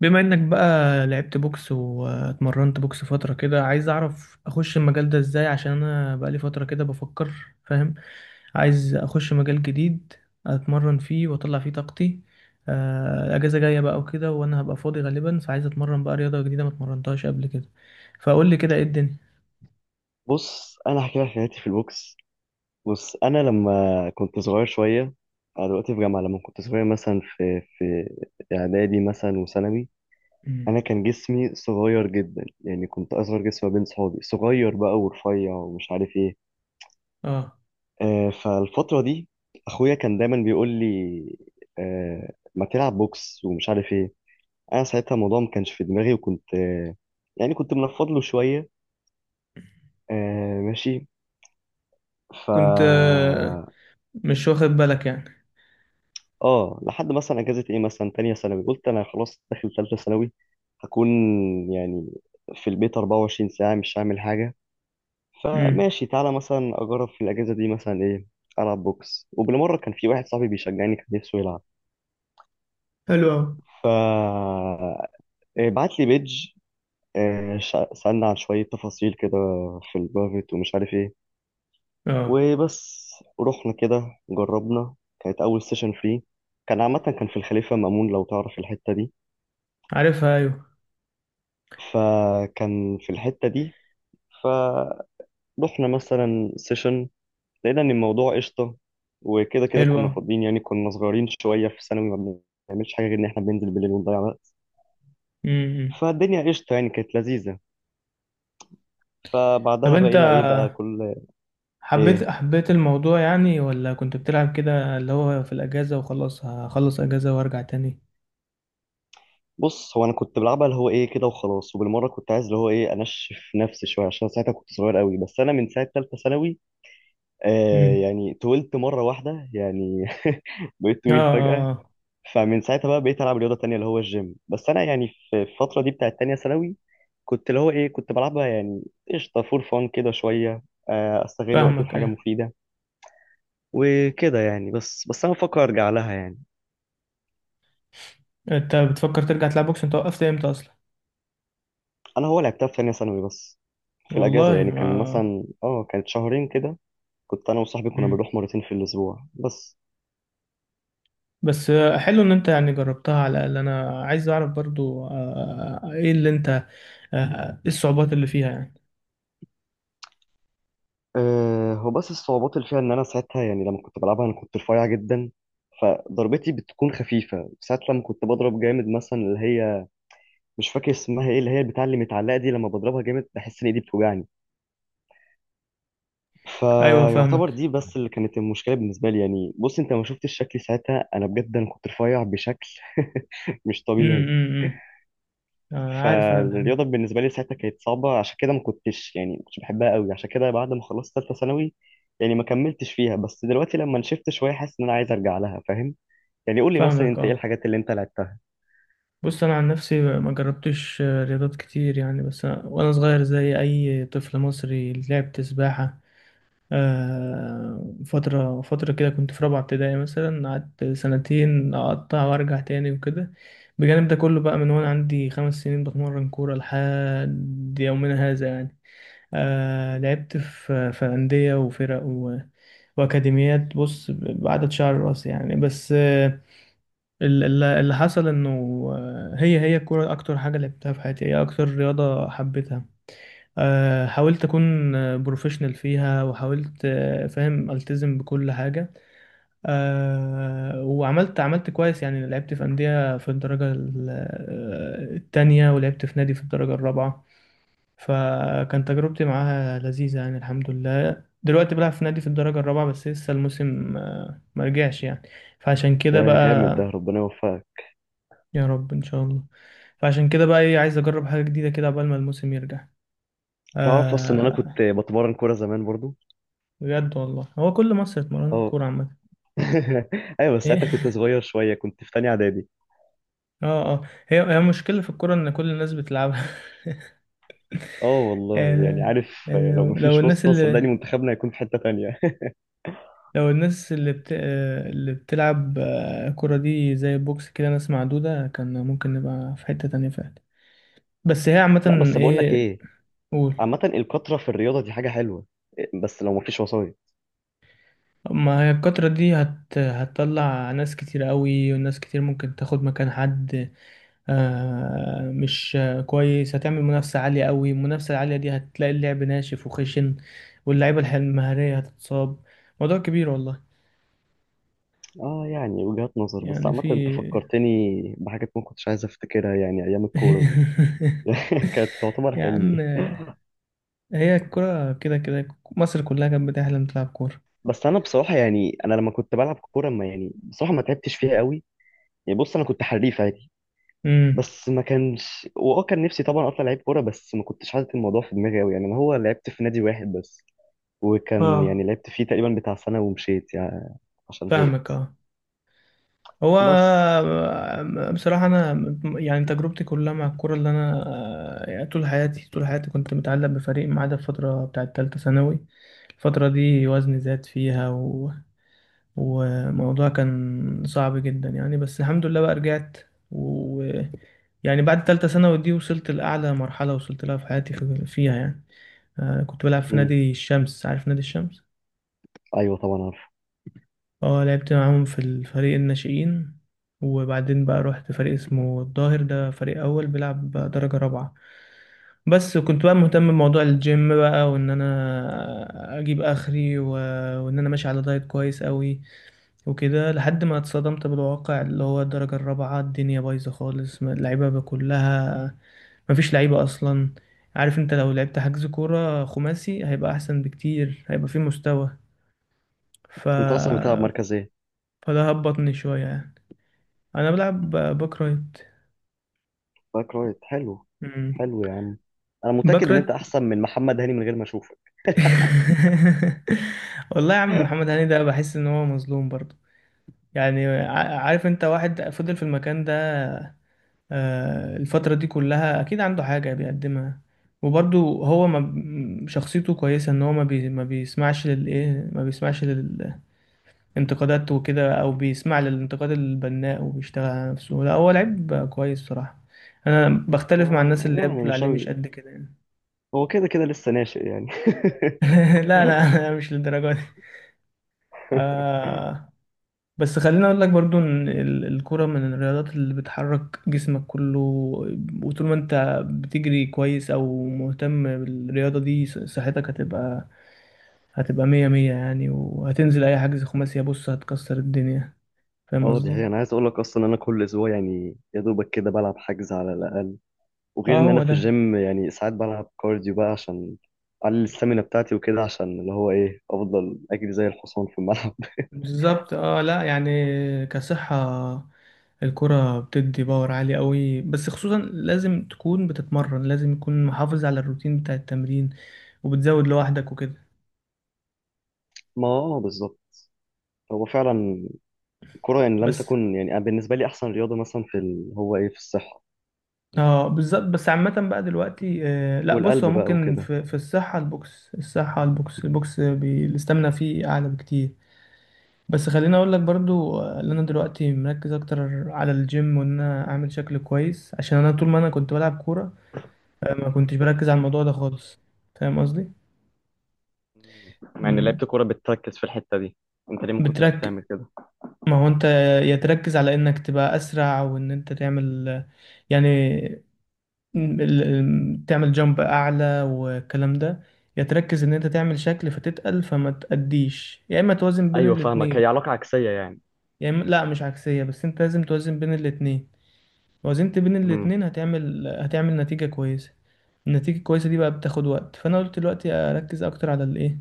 بما انك بقى لعبت بوكس واتمرنت بوكس فترة كده، عايز اعرف اخش المجال ده ازاي، عشان انا بقالي فترة كده بفكر. فاهم. عايز اخش مجال جديد اتمرن فيه واطلع فيه طاقتي. الاجازة جاية بقى وكده، وانا هبقى فاضي غالبا، فعايز اتمرن بقى رياضة جديدة ما اتمرنتهاش قبل كده. فقول لي كده ايه الدنيا. بص، انا هحكي لك حياتي في البوكس. بص انا لما كنت صغير شويه، انا دلوقتي في جامعه. لما كنت صغير مثلا في اعدادي مثلا وثانوي، مم. انا كان جسمي صغير جدا. يعني كنت اصغر جسم ما بين صحابي، صغير بقى ورفيع ومش عارف ايه. اه، فالفتره دي اخويا كان دايما بيقول لي، ما تلعب بوكس ومش عارف ايه. انا ساعتها الموضوع ما كانش في دماغي، وكنت يعني كنت منفض له شويه، آه ماشي. ف كنت مش واخد بالك يعني. اه لحد مثلا اجازه ايه، مثلا تانية ثانوي، قلت انا خلاص داخل تالتة ثانوي، هكون يعني في البيت 24 ساعه مش هعمل حاجه. امم فماشي، تعالى مثلا اجرب في الاجازه دي مثلا ايه، العب بوكس. وبالمره كان في واحد صاحبي بيشجعني، كان نفسه يلعب. حلو أوي. ف إيه، بعت لي بيج، إيه، سالنا عن شويه تفاصيل كده في البرايفت ومش عارف ايه، اه، وبس. رحنا كده جربنا، كانت اول سيشن فري، كان عامه كان في الخليفه مامون، لو تعرف الحته دي. عارفها ايوه. فكان في الحتة دي، فروحنا مثلا سيشن، لقينا ان الموضوع قشطة. وكده كده كنا حلوة. فاضيين، يعني كنا صغيرين شوية في ثانوي، ما بنعملش حاجة غير ان احنا بننزل بالليل ونضيع وقت. امم فالدنيا قشطة، يعني كانت لذيذة. طب فبعدها انت بقينا ايه بقى كل حبيت ايه. حبيت الموضوع يعني، ولا كنت بتلعب كده اللي هو في الأجازة، وخلاص هخلص أجازة وأرجع تاني. بص، هو انا كنت بلعبها اللي هو ايه كده وخلاص، وبالمره كنت عايز اللي هو ايه انشف نفسي شويه عشان ساعتها كنت صغير قوي. بس انا من ساعه ثالثه ثانوي، امم. يعني طولت مره واحده يعني بقيت اه طويل فجاه. اه آه. فمن ساعتها بقى بقيت العب رياضه تانية اللي هو الجيم. بس انا يعني في الفتره دي بتاعت تانية ثانوي، كنت اللي هو ايه كنت بلعبها يعني قشطه فور فان كده شويه، آه، استغل وقتي في فاهمك حاجه ايه. مفيده وكده يعني. بس انا بفكر ارجع لها يعني. انت بتفكر ترجع تلعب بوكس؟ انت وقفت امتى اصلا؟ انا هو لعبتها في تانية ثانوي بس، في الاجازه، والله يعني ما. كان مثلا اه كانت شهرين كده. كنت انا وصاحبي كنا امم. بنروح مرتين في الاسبوع بس. بس حلو ان انت يعني جربتها على الأقل. انا عايز اعرف برضو ايه اللي انت ايه الصعوبات اللي فيها يعني. آه، هو بس الصعوبات اللي فيها ان انا ساعتها يعني لما كنت بلعبها انا كنت رفيع جدا، فضربتي بتكون خفيفه. ساعات لما كنت بضرب جامد مثلا اللي هي، مش فاكر اسمها ايه، اللي هي بتاع اللي متعلقه دي، لما بضربها جامد بحس ان ايدي بتوجعني. ايوه فيعتبر فاهمك. دي بس اللي كانت المشكله بالنسبه لي يعني. بص، انت ما شفتش شكلي ساعتها، انا بجد انا كنت رفيع بشكل مش طبيعي. امم. عارف انا الحاجة. فالرياضه بالنسبه لي ساعتها كانت صعبه، عشان كده ما كنتش يعني ما كنتش بحبها قوي. عشان كده بعد ما خلصت ثالثه ثانوي يعني ما كملتش فيها. بس دلوقتي لما نشفت شويه حاسس ان انا عايز ارجع لها، فاهم يعني. قول لي مثلا فاهمك انت ايه اه. الحاجات اللي انت لعبتها. بص انا عن نفسي ما جربتش رياضات كتير يعني، بس أنا وانا صغير زي اي طفل مصري لعبت سباحة. فترة فترة كده، كنت في رابعة ابتدائي مثلا، قعدت سنتين اقطع وارجع تاني وكده. بجانب ده كله بقى، من وانا عندي خمس سنين بتمرن كورة لحد يومنا هذا يعني. لعبت في أندية وفرق وأكاديميات، بص بعدد شعر راسي يعني. بس اللي حصل انه هي الكوره اكتر حاجه لعبتها في حياتي، هي اكتر رياضه حبيتها. حاولت اكون بروفيشنال فيها، وحاولت فاهم، التزم بكل حاجه. وعملت كويس يعني. لعبت في انديه في الدرجه التانية، ولعبت في نادي في الدرجه الرابعه. فكان تجربتي معاها لذيذه يعني، الحمد لله. دلوقتي بلعب في نادي في الدرجه الرابعه، بس لسه الموسم ما رجعش يعني. فعشان كده يا بقى. جامد، ده ربنا يوفقك. يا رب ان شاء الله. فعشان كده بقى ايه، عايز اجرب حاجه جديده كده قبل ما الموسم يرجع. تعرف اصلا ان انا كنت آه. بتمرن كوره زمان برضو؟ بجد والله، هو كل مصر اتمرنت كوره عامه. ايوه، بس ساعتها كنت ايه. صغير شويه، كنت في تانية اعدادي. اه اه. هي مشكله في الكوره ان كل الناس بتلعبها. اه والله، يعني آه عارف، آه، يعني لو لو مفيش الناس واسطه صدقني اللي، منتخبنا هيكون في حته تانية. لو الناس اللي بتلعب كرة دي زي البوكس كده ناس معدودة، كان ممكن نبقى في حتة تانية فعلا. بس هي لا، عامة بس بقول لك ايه. ايه، قول. عامه الكتره في الرياضه دي حاجه حلوه، بس لو مفيش وسايط. ما هي الكترة دي هتطلع ناس كتير قوي، وناس كتير ممكن تاخد مكان حد. مش كويس، هتعمل منافسة عالية قوي. المنافسة العالية دي هتلاقي اللعب ناشف وخشن، واللعيبة المهارية هتتصاب. موضوع كبير والله. اه، يعني وجهات نظر. بس يعني عامه انت في. فكرتني بحاجات ما كنتش عايز افتكرها، يعني ايام الكوره دي كانت تعتبر يا عم، حلمي. هي الكرة كده كده مصر كلها كانت بتحلم تلعب كورة. بس انا بصراحه، يعني انا لما كنت بلعب كوره ما يعني بصراحه ما تعبتش فيها قوي. يعني بص، انا كنت حريف عادي امم. بس ما كانش، واه كان نفسي طبعا اطلع لعيب كوره، بس ما كنتش حاطط الموضوع في دماغي قوي يعني. انا هو لعبت في نادي واحد بس، وكان اه يعني لعبت فيه تقريبا بتاع سنه ومشيت يعني، عشان فاهمك زهقت. اه. هو بس. بصراحة أنا يعني تجربتي كلها مع الكورة اللي أنا يعني طول حياتي طول حياتي كنت متعلق بفريق، ما عدا الفترة بتاعة تالتة ثانوي. الفترة دي وزني زاد فيها، و... وموضوع كان صعب جدا يعني، بس الحمد لله بقى رجعت. و يعني بعد تالتة ثانوي دي وصلت لأعلى مرحلة وصلت لها في حياتي فيها يعني. كنت بلعب في امم. نادي الشمس، عارف نادي الشمس؟ ايوه طبعا عارف. اه لعبت معاهم في الفريق الناشئين، وبعدين بقى رحت فريق اسمه الظاهر، ده فريق أول بيلعب بقى درجة رابعة. بس كنت بقى مهتم بموضوع الجيم بقى، وإن أنا أجيب آخري، و... وإن أنا ماشي على دايت كويس قوي وكده، لحد ما اتصدمت بالواقع، اللي هو الدرجة الرابعة الدنيا بايظة خالص، اللعيبة بقى كلها مفيش لعيبة أصلا. عارف انت لو لعبت حجز كورة خماسي هيبقى أحسن بكتير، هيبقى فيه مستوى. ف... انت اصلا بتلعب مركز ايه؟ فده هبطني شوية يعني. أنا بلعب باك رايت. باك رايت، حلو. مم. حلو يا عم، انا باك متاكد ان انت رايت. احسن من محمد هاني من غير ما اشوفك. والله يا عم محمد هاني ده بحس إن هو مظلوم برضه، يعني عارف أنت واحد فضل في المكان ده الفترة دي كلها أكيد عنده حاجة بيقدمها، وبرضه هو ما ب- شخصيته كويسة، إن هو ما بيسمعش ما بيسمعش لل انتقادات وكده، او بيسمع للانتقاد البناء وبيشتغل على نفسه. لا هو لعيب كويس صراحة، انا بختلف مع الناس آه، اللي هي يعني بتقول مش عليه مش قوي، قد كده يعني. هو كده كده لسه ناشئ يعني لا لا، أنا مش للدرجة دي. آه. بس خليني اقول لك برضو ان الكرة من الرياضات اللي بتحرك جسمك كله، وطول ما انت بتجري كويس او مهتم بالرياضة دي صحتك هتبقى مية مية يعني، وهتنزل اي حجز خماسي بص هتكسر الدنيا. فاهم اه، دي قصدي. حقيقة. انا عايز اقول لك اصلا، انا كل اسبوع يعني يا دوبك كده بلعب حجز على الاقل. وغير اه ان انا هو في ده. الجيم، يعني ساعات بلعب كارديو بقى عشان اقلل السtamina بتاعتي وكده، عشان اللي هو ايه افضل اجري زي الحصان في الملعب بالظبط اه. لا يعني كصحة الكرة بتدي باور عالي قوي، بس خصوصا لازم تكون بتتمرن، لازم يكون محافظ على الروتين بتاع التمرين وبتزود لوحدك وكده. ما اه بالظبط، هو فعلا الكرة يعني لم بس تكن، يعني أنا بالنسبة لي احسن رياضة مثلا في ال... هو ايه في الصحة اه، بالظبط. بس عامة بقى دلوقتي، لا بص، هو والقلب بقى ممكن وكده. في الصحة البوكس، الصحة البوكس، البوكس الاستامينا فيه أعلى بكتير. بس خليني أقول لك برضو إن أنا دلوقتي مركز أكتر على الجيم، وإن أنا أعمل شكل كويس عشان أنا طول ما أنا كنت بلعب كورة ما كنتش بركز على الموضوع ده خالص. فاهم قصدي. مع ان لعيبه مم. الكوره بتركز في الحته دي، انت ليه ما كنتش بترك. بتعمل كده؟ ما هو انت، يا تركز على انك تبقى اسرع وان انت تعمل يعني، تعمل جامب اعلى والكلام ده، يا تركز ان انت تعمل شكل فتتقل فما تأديش، يا اما توازن بين ايوه فاهمك، الاتنين. هي علاقه عكسيه يعني. يا اما لا، مش عكسية، بس انت لازم توازن بين الاتنين. وزنت بين امم. الاتنين هتعمل نتيجة كويسة. النتيجة الكويسة دي بقى بتاخد وقت، فانا قلت دلوقتي اركز اكتر على الايه،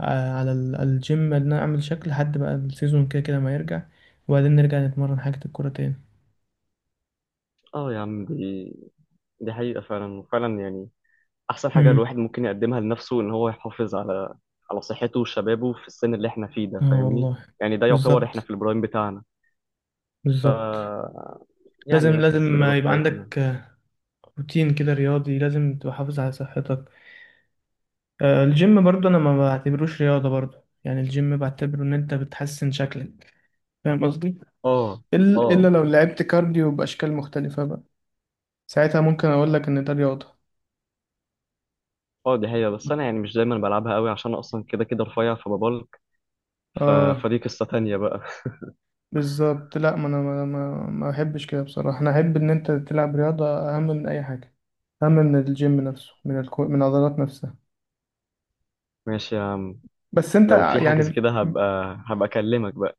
على الجيم ان انا اعمل شكل، لحد بقى السيزون كده كده ما يرجع، وبعدين نرجع نتمرن حاجة الكورة تاني. اه يا عم، دي حقيقه فعلا، وفعلا يعني احسن حاجه امم الواحد ممكن يقدمها لنفسه ان هو يحافظ على على صحته وشبابه في السن اللي احنا فيه ده، اه فاهمني؟ والله. يعني ده يعتبر احنا بالظبط في البرايم بتاعنا. ف بالظبط. لازم يعني نركز في لازم الرياضه يبقى بتاعتنا. عندك روتين كده رياضي، لازم تبقى حافظ على صحتك. الجيم برضو انا ما بعتبروش رياضة برضو، يعني الجيم بعتبره ان انت بتحسن شكلك. فاهم قصدي. اه، إل- الا اه، لو لعبت كارديو باشكال مختلفة بقى، ساعتها ممكن اقول لك ان ده رياضة. اه، دي هي. بس انا يعني مش دايما بلعبها قوي عشان أنا اصلا كده كده رفيع فببلك. ف... اه فدي قصه تانية بقى. بالظبط. لا ما انا ما احبش كده بصراحه، انا احب ان انت تلعب رياضه اهم من اي حاجه، اهم من الجيم نفسه، من العضلات نفسها. ماشي يا عم، بس انت لو في حاجه زي يعني كده هبقى اكلمك بقى.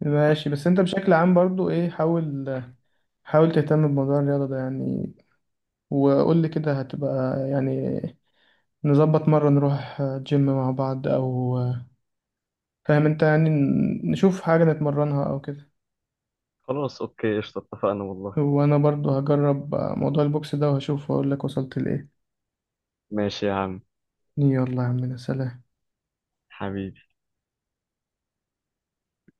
ماشي. بس انت بشكل عام برضو ايه، حاول تهتم بموضوع الرياضه ده يعني، وقول لي كده هتبقى يعني، نظبط مره نروح جيم مع بعض، او فاهم انت يعني نشوف حاجه نتمرنها او كده. خلاص، اوكي، قشطه اتفقنا والله. وانا برضو هجرب موضوع البوكس ده، وهشوف واقول لك وصلت لايه. ماشي يا عم، يلا يا عم سلام. حبيبي.